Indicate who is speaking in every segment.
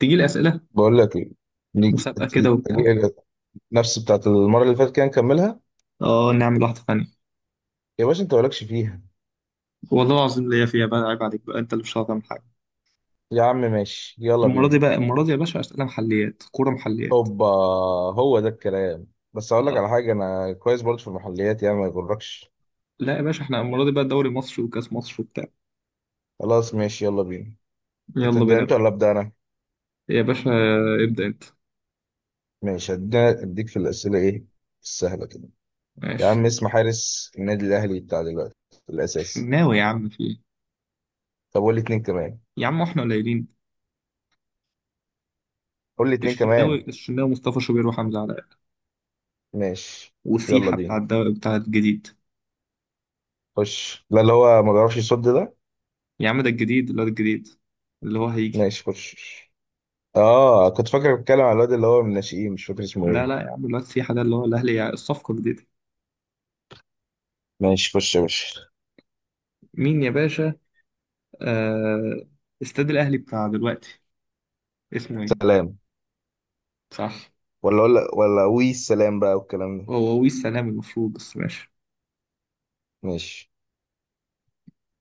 Speaker 1: تجي لي اسئله
Speaker 2: بقول لك ايه. نيجي
Speaker 1: مسابقه كده
Speaker 2: تي-
Speaker 1: وبتاع.
Speaker 2: تيجي- نفس بتاعت المره اللي فاتت كده نكملها.
Speaker 1: اه، نعمل واحده ثانيه.
Speaker 2: يا باشا انت مالكش فيها.
Speaker 1: والله العظيم ليا فيها بقى، عيب عليك بقى، انت اللي مش هتعرف تعمل حاجه.
Speaker 2: يا عم ماشي يلا
Speaker 1: المره دي
Speaker 2: بينا.
Speaker 1: بقى، المره دي يا باشا اسئله محليات، كوره محليات.
Speaker 2: هوبا، هو ده الكلام. بس اقول لك
Speaker 1: آه.
Speaker 2: على حاجه، انا كويس برضه في المحليات يعني ما يغركش.
Speaker 1: لا يا باشا، احنا المره دي بقى دوري مصر وكاس مصر وبتاع.
Speaker 2: خلاص ماشي يلا بينا.
Speaker 1: يلا
Speaker 2: تبدا
Speaker 1: بينا يا
Speaker 2: انت
Speaker 1: باشا.
Speaker 2: ولا ابدا انا؟
Speaker 1: يا باشا، ابدا انت.
Speaker 2: ماشي، اديك في الاسئله. ايه السهله كده؟ يا عم
Speaker 1: ماشي.
Speaker 2: اسم حارس النادي الاهلي بتاع دلوقتي الاساسي؟
Speaker 1: الشناوي يا عم، في ايه؟
Speaker 2: طب قول لي اتنين كمان.
Speaker 1: يا عم احنا قليلين.
Speaker 2: قول لي اتنين كمان.
Speaker 1: الشناوي، مصطفى شوبير، وحمزه علاء.
Speaker 2: ماشي يلا
Speaker 1: وسيحه بتاع
Speaker 2: بينا.
Speaker 1: الدوري بتاع الجديد.
Speaker 2: خش، لا اللي هو ما بيعرفش يصد ده.
Speaker 1: يا عم ده الجديد، الواد الجديد اللي هو هيجي.
Speaker 2: ماشي خش. اه كنت فاكر بتكلم على الواد اللي هو من الناشئين، مش فاكر اسمه
Speaker 1: لا
Speaker 2: ايه.
Speaker 1: لا يا عم، الواد سيحه ده اللي هو الاهلي الصفقه الجديده.
Speaker 2: ماشي خش يا باشا.
Speaker 1: مين يا باشا؟ آه. استاد الأهلي بتاع دلوقتي اسمه إيه؟
Speaker 2: سلام.
Speaker 1: صح.
Speaker 2: ولا وي السلام بقى والكلام ده.
Speaker 1: هو ويس سلام المفروض، بس ماشي.
Speaker 2: ماشي،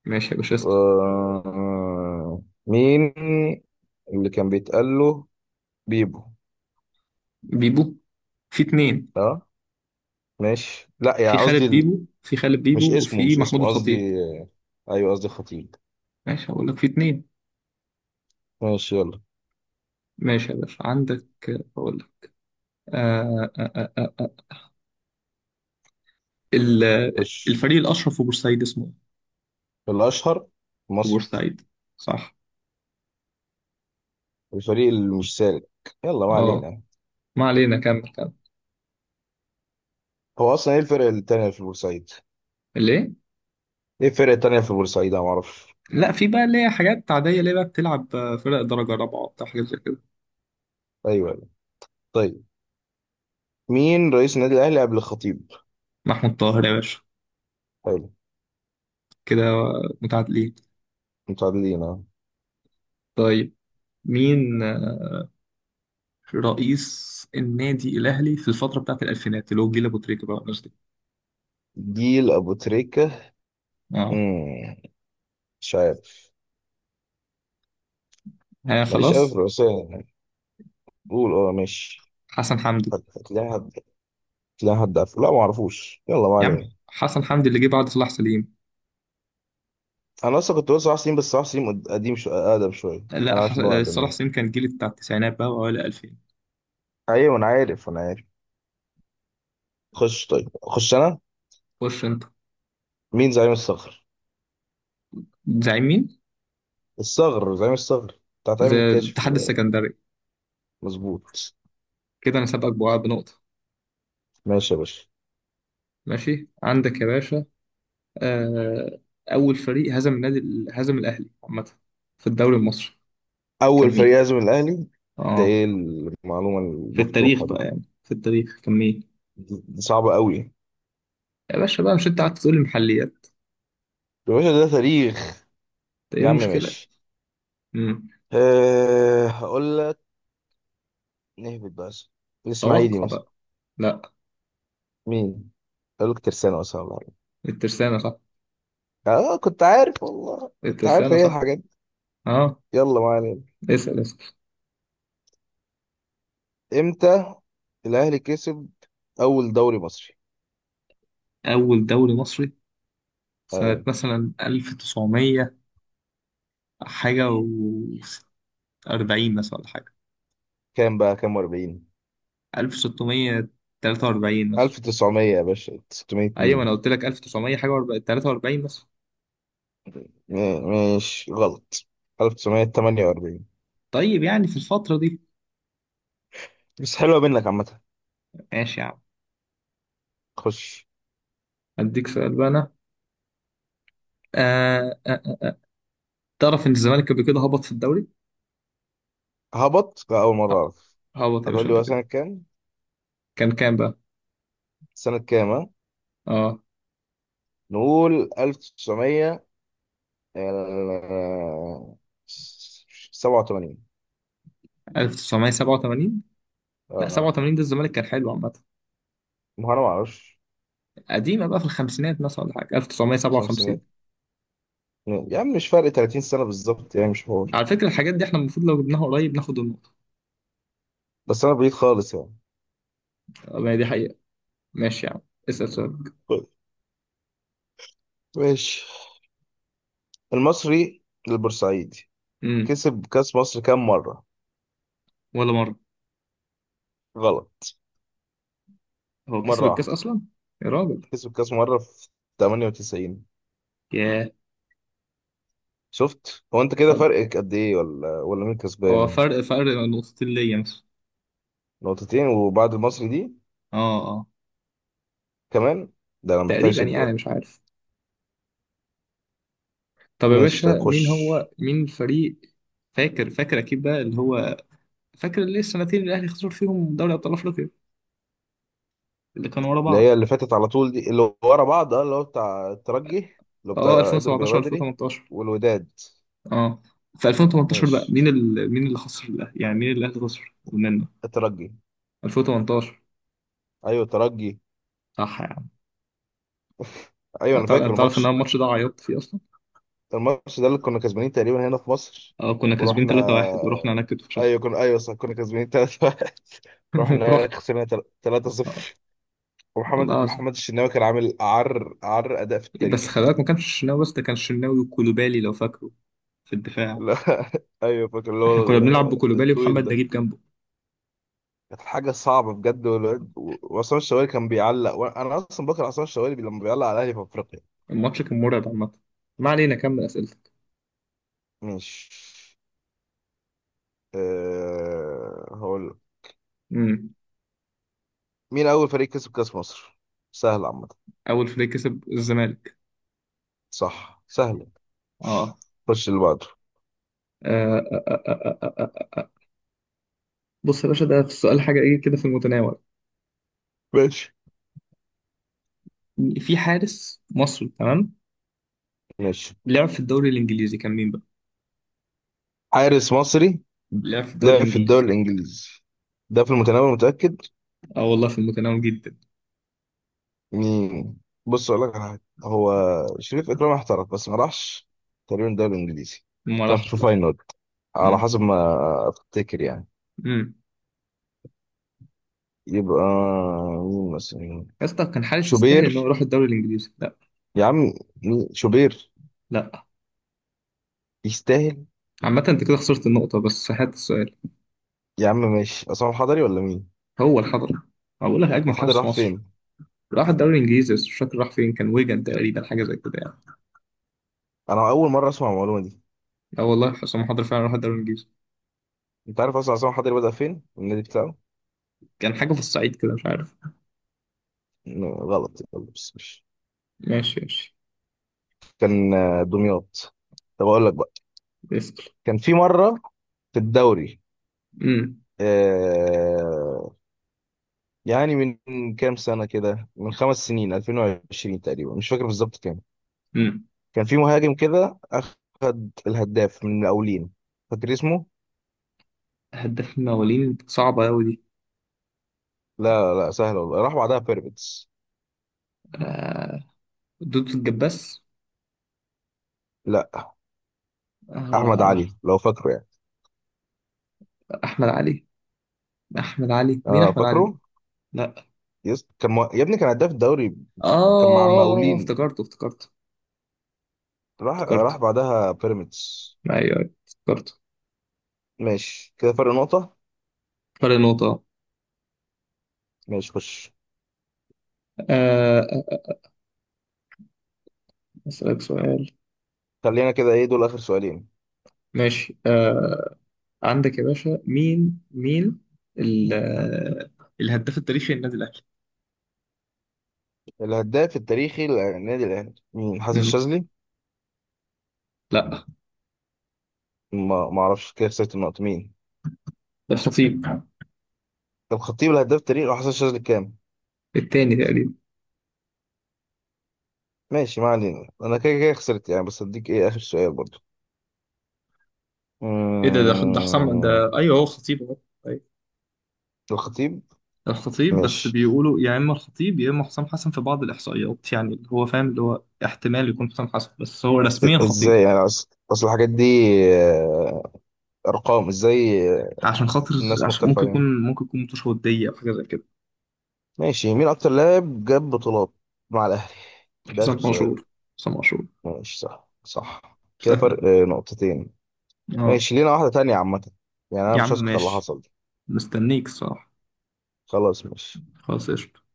Speaker 1: ماشي يا باشا اسطى.
Speaker 2: مين اللي كان بيتقال له بيبو؟
Speaker 1: بيبو. في اتنين.
Speaker 2: اه ماشي، لا
Speaker 1: في
Speaker 2: يعني قصدي
Speaker 1: خالد
Speaker 2: ال-
Speaker 1: بيبو في خالد
Speaker 2: مش
Speaker 1: بيبو
Speaker 2: اسمه
Speaker 1: وفي
Speaker 2: مش
Speaker 1: محمود
Speaker 2: اسمه
Speaker 1: الخطيب.
Speaker 2: قصدي، ايوه قصدي خطيب.
Speaker 1: ماشي، هقول لك في اتنين.
Speaker 2: ماشي يلا
Speaker 1: ماشي يا باشا، عندك. هقول لك. آه آه آه آه. ال-
Speaker 2: خش.
Speaker 1: الفريق الأشهر في بورسعيد اسمه إيه؟
Speaker 2: الاشهر في
Speaker 1: في
Speaker 2: مصر؟
Speaker 1: بورسعيد. صح.
Speaker 2: الفريق اللي مش سالك؟ يلا ما
Speaker 1: اه،
Speaker 2: علينا.
Speaker 1: ما علينا، كمل كمل.
Speaker 2: هو اصلا ايه الفرق التانية في بورسعيد؟
Speaker 1: ليه؟
Speaker 2: ايه الفرق التانية في بورسعيد؟ انا معرفش.
Speaker 1: لا، في بقى اللي هي حاجات عادية، اللي هي بقى بتلعب فرق درجة رابعة وبتاع، حاجات زي كده.
Speaker 2: ايوه أيوة. طيب، مين رئيس النادي الاهلي قبل الخطيب؟
Speaker 1: محمود طاهر يا باشا.
Speaker 2: حلو.
Speaker 1: كده متعادلين.
Speaker 2: متعادلين اهو.
Speaker 1: طيب، مين رئيس النادي الأهلي في الفترة بتاعت الألفينات، اللي هو جيل أبو تريكة بقى والناس دي؟
Speaker 2: جيل ابو تريكه.
Speaker 1: اه.
Speaker 2: مم. مش عارف.
Speaker 1: أنا
Speaker 2: ماليش قوي في
Speaker 1: خلاص.
Speaker 2: الرئاسيه يعني. قول اه ماشي.
Speaker 1: حسن حمدي.
Speaker 2: هتلاقي حد، هتلاقي حد عارفه، لا ما اعرفوش، يلا ما
Speaker 1: يا عم
Speaker 2: علينا.
Speaker 1: حسن حمدي اللي جه بعد صلاح سليم.
Speaker 2: انا اصلا كنت بقول صلاح سليم، بس صلاح سليم اقدم شويه.
Speaker 1: لا
Speaker 2: انا
Speaker 1: ح...
Speaker 2: عارف ان هو اقدم
Speaker 1: صلاح
Speaker 2: يعني.
Speaker 1: سليم كان جيل بتاع التسعينات بقى وأوائل 2000.
Speaker 2: ايوه انا عارف، انا عارف. خش طيب، خش انا.
Speaker 1: خش أنت.
Speaker 2: مين زعيم الصغر؟
Speaker 1: زعيم مين؟
Speaker 2: الصغر، زعيم الصغر بتاع تامر
Speaker 1: زي
Speaker 2: الكاشف.
Speaker 1: الاتحاد السكندري.
Speaker 2: مظبوط.
Speaker 1: كده أنا سابقك بوقع بنقطة.
Speaker 2: ماشي يا باشا.
Speaker 1: ماشي عندك يا باشا. آه... أول فريق هزم النادي هزم الأهلي عامة في الدوري المصري كان
Speaker 2: اول فريق
Speaker 1: مين؟
Speaker 2: يهزم الاهلي؟ ده
Speaker 1: اه،
Speaker 2: ايه المعلومه
Speaker 1: في التاريخ
Speaker 2: المفتوحه دي؟
Speaker 1: بقى، يعني في التاريخ كمية.
Speaker 2: دي صعبه قوي.
Speaker 1: يا باشا بقى، مش انت قاعد تقول لي محليات؟
Speaker 2: يا باشا ده تاريخ.
Speaker 1: ده ايه
Speaker 2: يا عم
Speaker 1: المشكلة؟
Speaker 2: ماشي.
Speaker 1: مم.
Speaker 2: أه هقول لك، نهبط بس. الاسماعيلي
Speaker 1: توقع
Speaker 2: مثلا؟
Speaker 1: بقى. لا.
Speaker 2: مين؟ هقول لك ترسانة مثلا ولا حاجة.
Speaker 1: الترسانة صح،
Speaker 2: اه كنت عارف والله، كنت عارف
Speaker 1: الترسانة
Speaker 2: ايه
Speaker 1: صح.
Speaker 2: الحاجات دي.
Speaker 1: اه،
Speaker 2: يلا ما علينا.
Speaker 1: اسأل اسأل.
Speaker 2: امتى الاهلي كسب اول دوري مصري؟
Speaker 1: أول دوري مصري سنة
Speaker 2: ايوه
Speaker 1: مثلا 1900 حاجة و40، مثلا ولا حاجة.
Speaker 2: كام بقى، كام، 40،
Speaker 1: 1643 مثلا.
Speaker 2: 1900 يا باشا، 600
Speaker 1: أيوة، أنا
Speaker 2: مين؟
Speaker 1: قلت لك 1900 حاجة و43 مثلا.
Speaker 2: ماشي غلط. 1948.
Speaker 1: طيب يعني في الفترة دي.
Speaker 2: بس حلوة منك عامة.
Speaker 1: ماشي يا عم.
Speaker 2: خش.
Speaker 1: أديك سؤال بقى أنا. آه آه. آه. تعرف إن الزمالك قبل كده هبط في الدوري؟
Speaker 2: هبط؟ لا أول مرة
Speaker 1: ه-
Speaker 2: أعرف.
Speaker 1: هبط يا
Speaker 2: هتقول
Speaker 1: باشا
Speaker 2: لي
Speaker 1: قبل
Speaker 2: هو
Speaker 1: كده.
Speaker 2: سنة كام؟
Speaker 1: كان كام بقى؟
Speaker 2: سنة كام ها؟
Speaker 1: اه،
Speaker 2: نقول 1900، 87.
Speaker 1: 1987. لا،
Speaker 2: اه
Speaker 1: 87 ده الزمالك كان حلو عامة.
Speaker 2: ما هو أنا ما أعرفش.
Speaker 1: قديمة بقى، في الخمسينات مثلا ولا حاجة، 1957.
Speaker 2: خمسينات؟ يا عم مش فرق 30 سنة بالظبط، يعني مش حوار.
Speaker 1: على فكرة الحاجات دي احنا المفروض لو جبناها قريب ناخد النقطة.
Speaker 2: بس أنا بعيد خالص يعني.
Speaker 1: آه، ما هي دي حقيقة. ماشي يا عم، اسأل سؤال.
Speaker 2: طيب، ماشي. المصري البورسعيدي
Speaker 1: امم.
Speaker 2: كسب كأس مصر كام مرة؟
Speaker 1: ولا مرة.
Speaker 2: غلط.
Speaker 1: هو كسب
Speaker 2: مرة
Speaker 1: الكاس
Speaker 2: واحدة.
Speaker 1: أصلا؟ يا راجل.
Speaker 2: كسب كأس مرة في 98.
Speaker 1: ياه.
Speaker 2: شفت هو انت كده
Speaker 1: طب
Speaker 2: فرقك قد ايه؟ ولا مين
Speaker 1: هو
Speaker 2: كسبان؟
Speaker 1: فرق نقطتين ليا مثلا.
Speaker 2: نقطتين، وبعد المصري دي
Speaker 1: اه اه.
Speaker 2: كمان، ده انا محتاج
Speaker 1: تقريبا
Speaker 2: اشد بقى.
Speaker 1: يعني، مش عارف. طب يا
Speaker 2: ماشي
Speaker 1: باشا،
Speaker 2: طيب خش.
Speaker 1: مين هو مين الفريق؟ فاكر أكيد بقى، اللي هو فاكر ليه السنتين اللي الاهلي خسر فيهم دوري ابطال افريقيا، اللي كانوا ورا
Speaker 2: اللي هي
Speaker 1: بعض؟
Speaker 2: اللي فاتت على طول دي، اللي ورا بعض، اه اللي هو بتاع الترجي، اللي هو
Speaker 1: اه،
Speaker 2: بتاع، اضرب يا
Speaker 1: 2017
Speaker 2: بدري،
Speaker 1: 2018.
Speaker 2: والوداد.
Speaker 1: اه، في 2018 بقى
Speaker 2: ماشي،
Speaker 1: مين مين اللي خسر الاهلي، يعني مين اللي الاهلي خسر منه؟
Speaker 2: الترجي.
Speaker 1: 2018.
Speaker 2: ايوه الترجي.
Speaker 1: صح يا عم.
Speaker 2: ايوه انا
Speaker 1: انت تعرف
Speaker 2: فاكر
Speaker 1: أنت تعرف ان
Speaker 2: الماتش.
Speaker 1: انا الماتش ده عيطت فيه اصلا.
Speaker 2: الماتش ده اللي كنا كسبانين تقريبا هنا في مصر،
Speaker 1: اه، كنا كاسبين
Speaker 2: ورحنا،
Speaker 1: 3-1 ورحنا هناك اتفشخنا.
Speaker 2: ايوه كنا، ايوه صح كنا كسبانين 3 رحنا هناك
Speaker 1: رحت.
Speaker 2: خسرنا 3
Speaker 1: آه،
Speaker 2: 0
Speaker 1: والله
Speaker 2: ومحمد
Speaker 1: العظيم،
Speaker 2: محمد الشناوي كان عامل أعر أعر أداء في
Speaker 1: بس خلي
Speaker 2: التاريخ.
Speaker 1: بالك ما كانش الشناوي بس، ده كان الشناوي وكولوبالي لو فاكره، في الدفاع.
Speaker 2: لا أيوه فاكر اللي
Speaker 1: احنا
Speaker 2: هو
Speaker 1: كنا بنلعب بكولوبالي
Speaker 2: الطويل
Speaker 1: ومحمد
Speaker 2: ده.
Speaker 1: نجيب جنبه.
Speaker 2: كانت حاجة صعبة بجد. وعصام الشوالي كان بيعلق، وأنا أصلا بكره عصام الشوالي لما بيعلق على الأهلي في أفريقيا.
Speaker 1: الماتش كان مرعب عامة. ما علينا، كمل اسئلتك.
Speaker 2: مش، هقول لك.
Speaker 1: مم.
Speaker 2: مين أول فريق كسب كأس مصر؟ سهل عامة.
Speaker 1: اول فريق كسب الزمالك.
Speaker 2: صح سهل.
Speaker 1: اه.
Speaker 2: خش اللي بعده.
Speaker 1: آه، آه، آه، آه، آه، آه. آه. بص يا باشا، ده في السؤال حاجه ايه كده في المتناول.
Speaker 2: ماشي
Speaker 1: في حارس مصري تمام،
Speaker 2: ماشي.
Speaker 1: لعب في الدوري الانجليزي، كان مين بقى؟
Speaker 2: حارس مصري
Speaker 1: لعب في الدوري
Speaker 2: لعب في
Speaker 1: الانجليزي.
Speaker 2: الدوري الإنجليزي؟ ده في المتناول متأكد.
Speaker 1: اه والله في المتناول جدا.
Speaker 2: مم. بص اقول لك على حاجه، هو شريف اكرامي احترف بس ما راحش تقريبا الدوري الانجليزي،
Speaker 1: ما
Speaker 2: كان
Speaker 1: راحش،
Speaker 2: في
Speaker 1: لا.
Speaker 2: فاينل على
Speaker 1: امم،
Speaker 2: حسب ما افتكر يعني.
Speaker 1: امم.
Speaker 2: يبقى مين مثلا؟
Speaker 1: يا اسطى، كان حارس يستاهل ان هو
Speaker 2: شوبير؟
Speaker 1: يروح الدوري الانجليزي؟ لا.
Speaker 2: يا عم مين شوبير
Speaker 1: لا
Speaker 2: يستاهل؟
Speaker 1: عامه، انت كده خسرت النقطه، بس هات السؤال.
Speaker 2: يا عم ماشي، عصام الحضري ولا مين؟
Speaker 1: هو الحضري. هقول لك اجمد
Speaker 2: الحضري
Speaker 1: حارس
Speaker 2: راح
Speaker 1: في مصر.
Speaker 2: فين؟
Speaker 1: راح الدوري الانجليزي بس مش فاكر راح فين، كان ويجن تقريبا، حاجه زي كده يعني.
Speaker 2: انا اول مره اسمع المعلومه دي.
Speaker 1: اه والله حسام حضري فعلا راح الدوري الانجليزي.
Speaker 2: انت عارف اصلا عصام الحضري بدأ فين النادي بتاعه؟
Speaker 1: كان حاجه في الصعيد كده، مش عارف.
Speaker 2: غلط يلا، بس مش
Speaker 1: ماشي ماشي.
Speaker 2: كان، دمياط. طب اقول لك بقى.
Speaker 1: اسأل.
Speaker 2: كان في مره في الدوري،
Speaker 1: امم،
Speaker 2: آه، يعني من كام سنة كده، من خمس سنين، 2020 تقريبا مش فاكر بالظبط كام.
Speaker 1: امم.
Speaker 2: كان في مهاجم كده أخد الهداف من المقاولين، فاكر اسمه؟
Speaker 1: هداف المواليد صعبة أوي دي.
Speaker 2: لا لا سهل والله، راح بعدها بيراميدز.
Speaker 1: آه. دودو الجباس.
Speaker 2: لا، أحمد
Speaker 1: آه.
Speaker 2: علي لو فاكره يعني.
Speaker 1: أحمد علي. أحمد علي، مين
Speaker 2: اه
Speaker 1: أحمد علي؟
Speaker 2: فاكره؟
Speaker 1: لا.
Speaker 2: يس يا ابني كان هداف الدوري. كان مع
Speaker 1: آه،
Speaker 2: المقاولين،
Speaker 1: افتكرته افتكرته.
Speaker 2: راح
Speaker 1: افتكرته.
Speaker 2: بعدها بيراميدز.
Speaker 1: أيوه أيوه افتكرته.
Speaker 2: ماشي كده فرق نقطة.
Speaker 1: فرق نقطة.
Speaker 2: ماشي خش.
Speaker 1: آه آه، أسألك سؤال.
Speaker 2: خلينا كده، ايه دول آخر سؤالين.
Speaker 1: ماشي، آه. عندك يا باشا، مين ال- آه، الهداف التاريخي للنادي الأهلي؟
Speaker 2: الهداف التاريخي للنادي الأهلي مين، حسن
Speaker 1: مم.
Speaker 2: الشاذلي؟
Speaker 1: لا.
Speaker 2: ما اعرفش. كده خسرت النقطة. مين؟
Speaker 1: ده مش نصيب.
Speaker 2: طب خطيب الهداف تاريخ، وحسن شاذلي كام؟
Speaker 1: التاني تقريبا.
Speaker 2: ماشي ما علينا، انا كده كده خسرت يعني. بس اديك ايه، اخر سؤال برضو.
Speaker 1: ايه ده حسام
Speaker 2: أمم،
Speaker 1: ده، ايوه هو خطيب اهو. أيوة.
Speaker 2: الخطيب.
Speaker 1: الخطيب، بس
Speaker 2: ماشي.
Speaker 1: بيقولوا يا اما الخطيب يا اما حسام حسن، في بعض الاحصائيات يعني، اللي هو فاهم اللي هو احتمال يكون حسام حسن، بس هو رسميا خطيب.
Speaker 2: ازاي يعني، اصل الحاجات دي، آه، ارقام، ازاي
Speaker 1: عشان خاطر،
Speaker 2: الناس
Speaker 1: عشان
Speaker 2: مختلفة
Speaker 1: ممكن
Speaker 2: عليها؟
Speaker 1: يكون ممكن يكون متوشه ودية او حاجه زي كده.
Speaker 2: ماشي. مين اكتر لاعب جاب بطولات مع الاهلي؟ ده اخر
Speaker 1: حسام
Speaker 2: سؤال.
Speaker 1: عاشور، حسام عاشور.
Speaker 2: ماشي صح صح. كده فرق
Speaker 1: سهل.
Speaker 2: نقطتين.
Speaker 1: اه.
Speaker 2: ماشي لينا واحدة تانية عامة، يعني انا
Speaker 1: يا عم
Speaker 2: مش هسكت على اللي
Speaker 1: ماشي.
Speaker 2: حصل دي.
Speaker 1: مستنيك الصراحه.
Speaker 2: خلاص ماشي.
Speaker 1: خلاص، قشطة.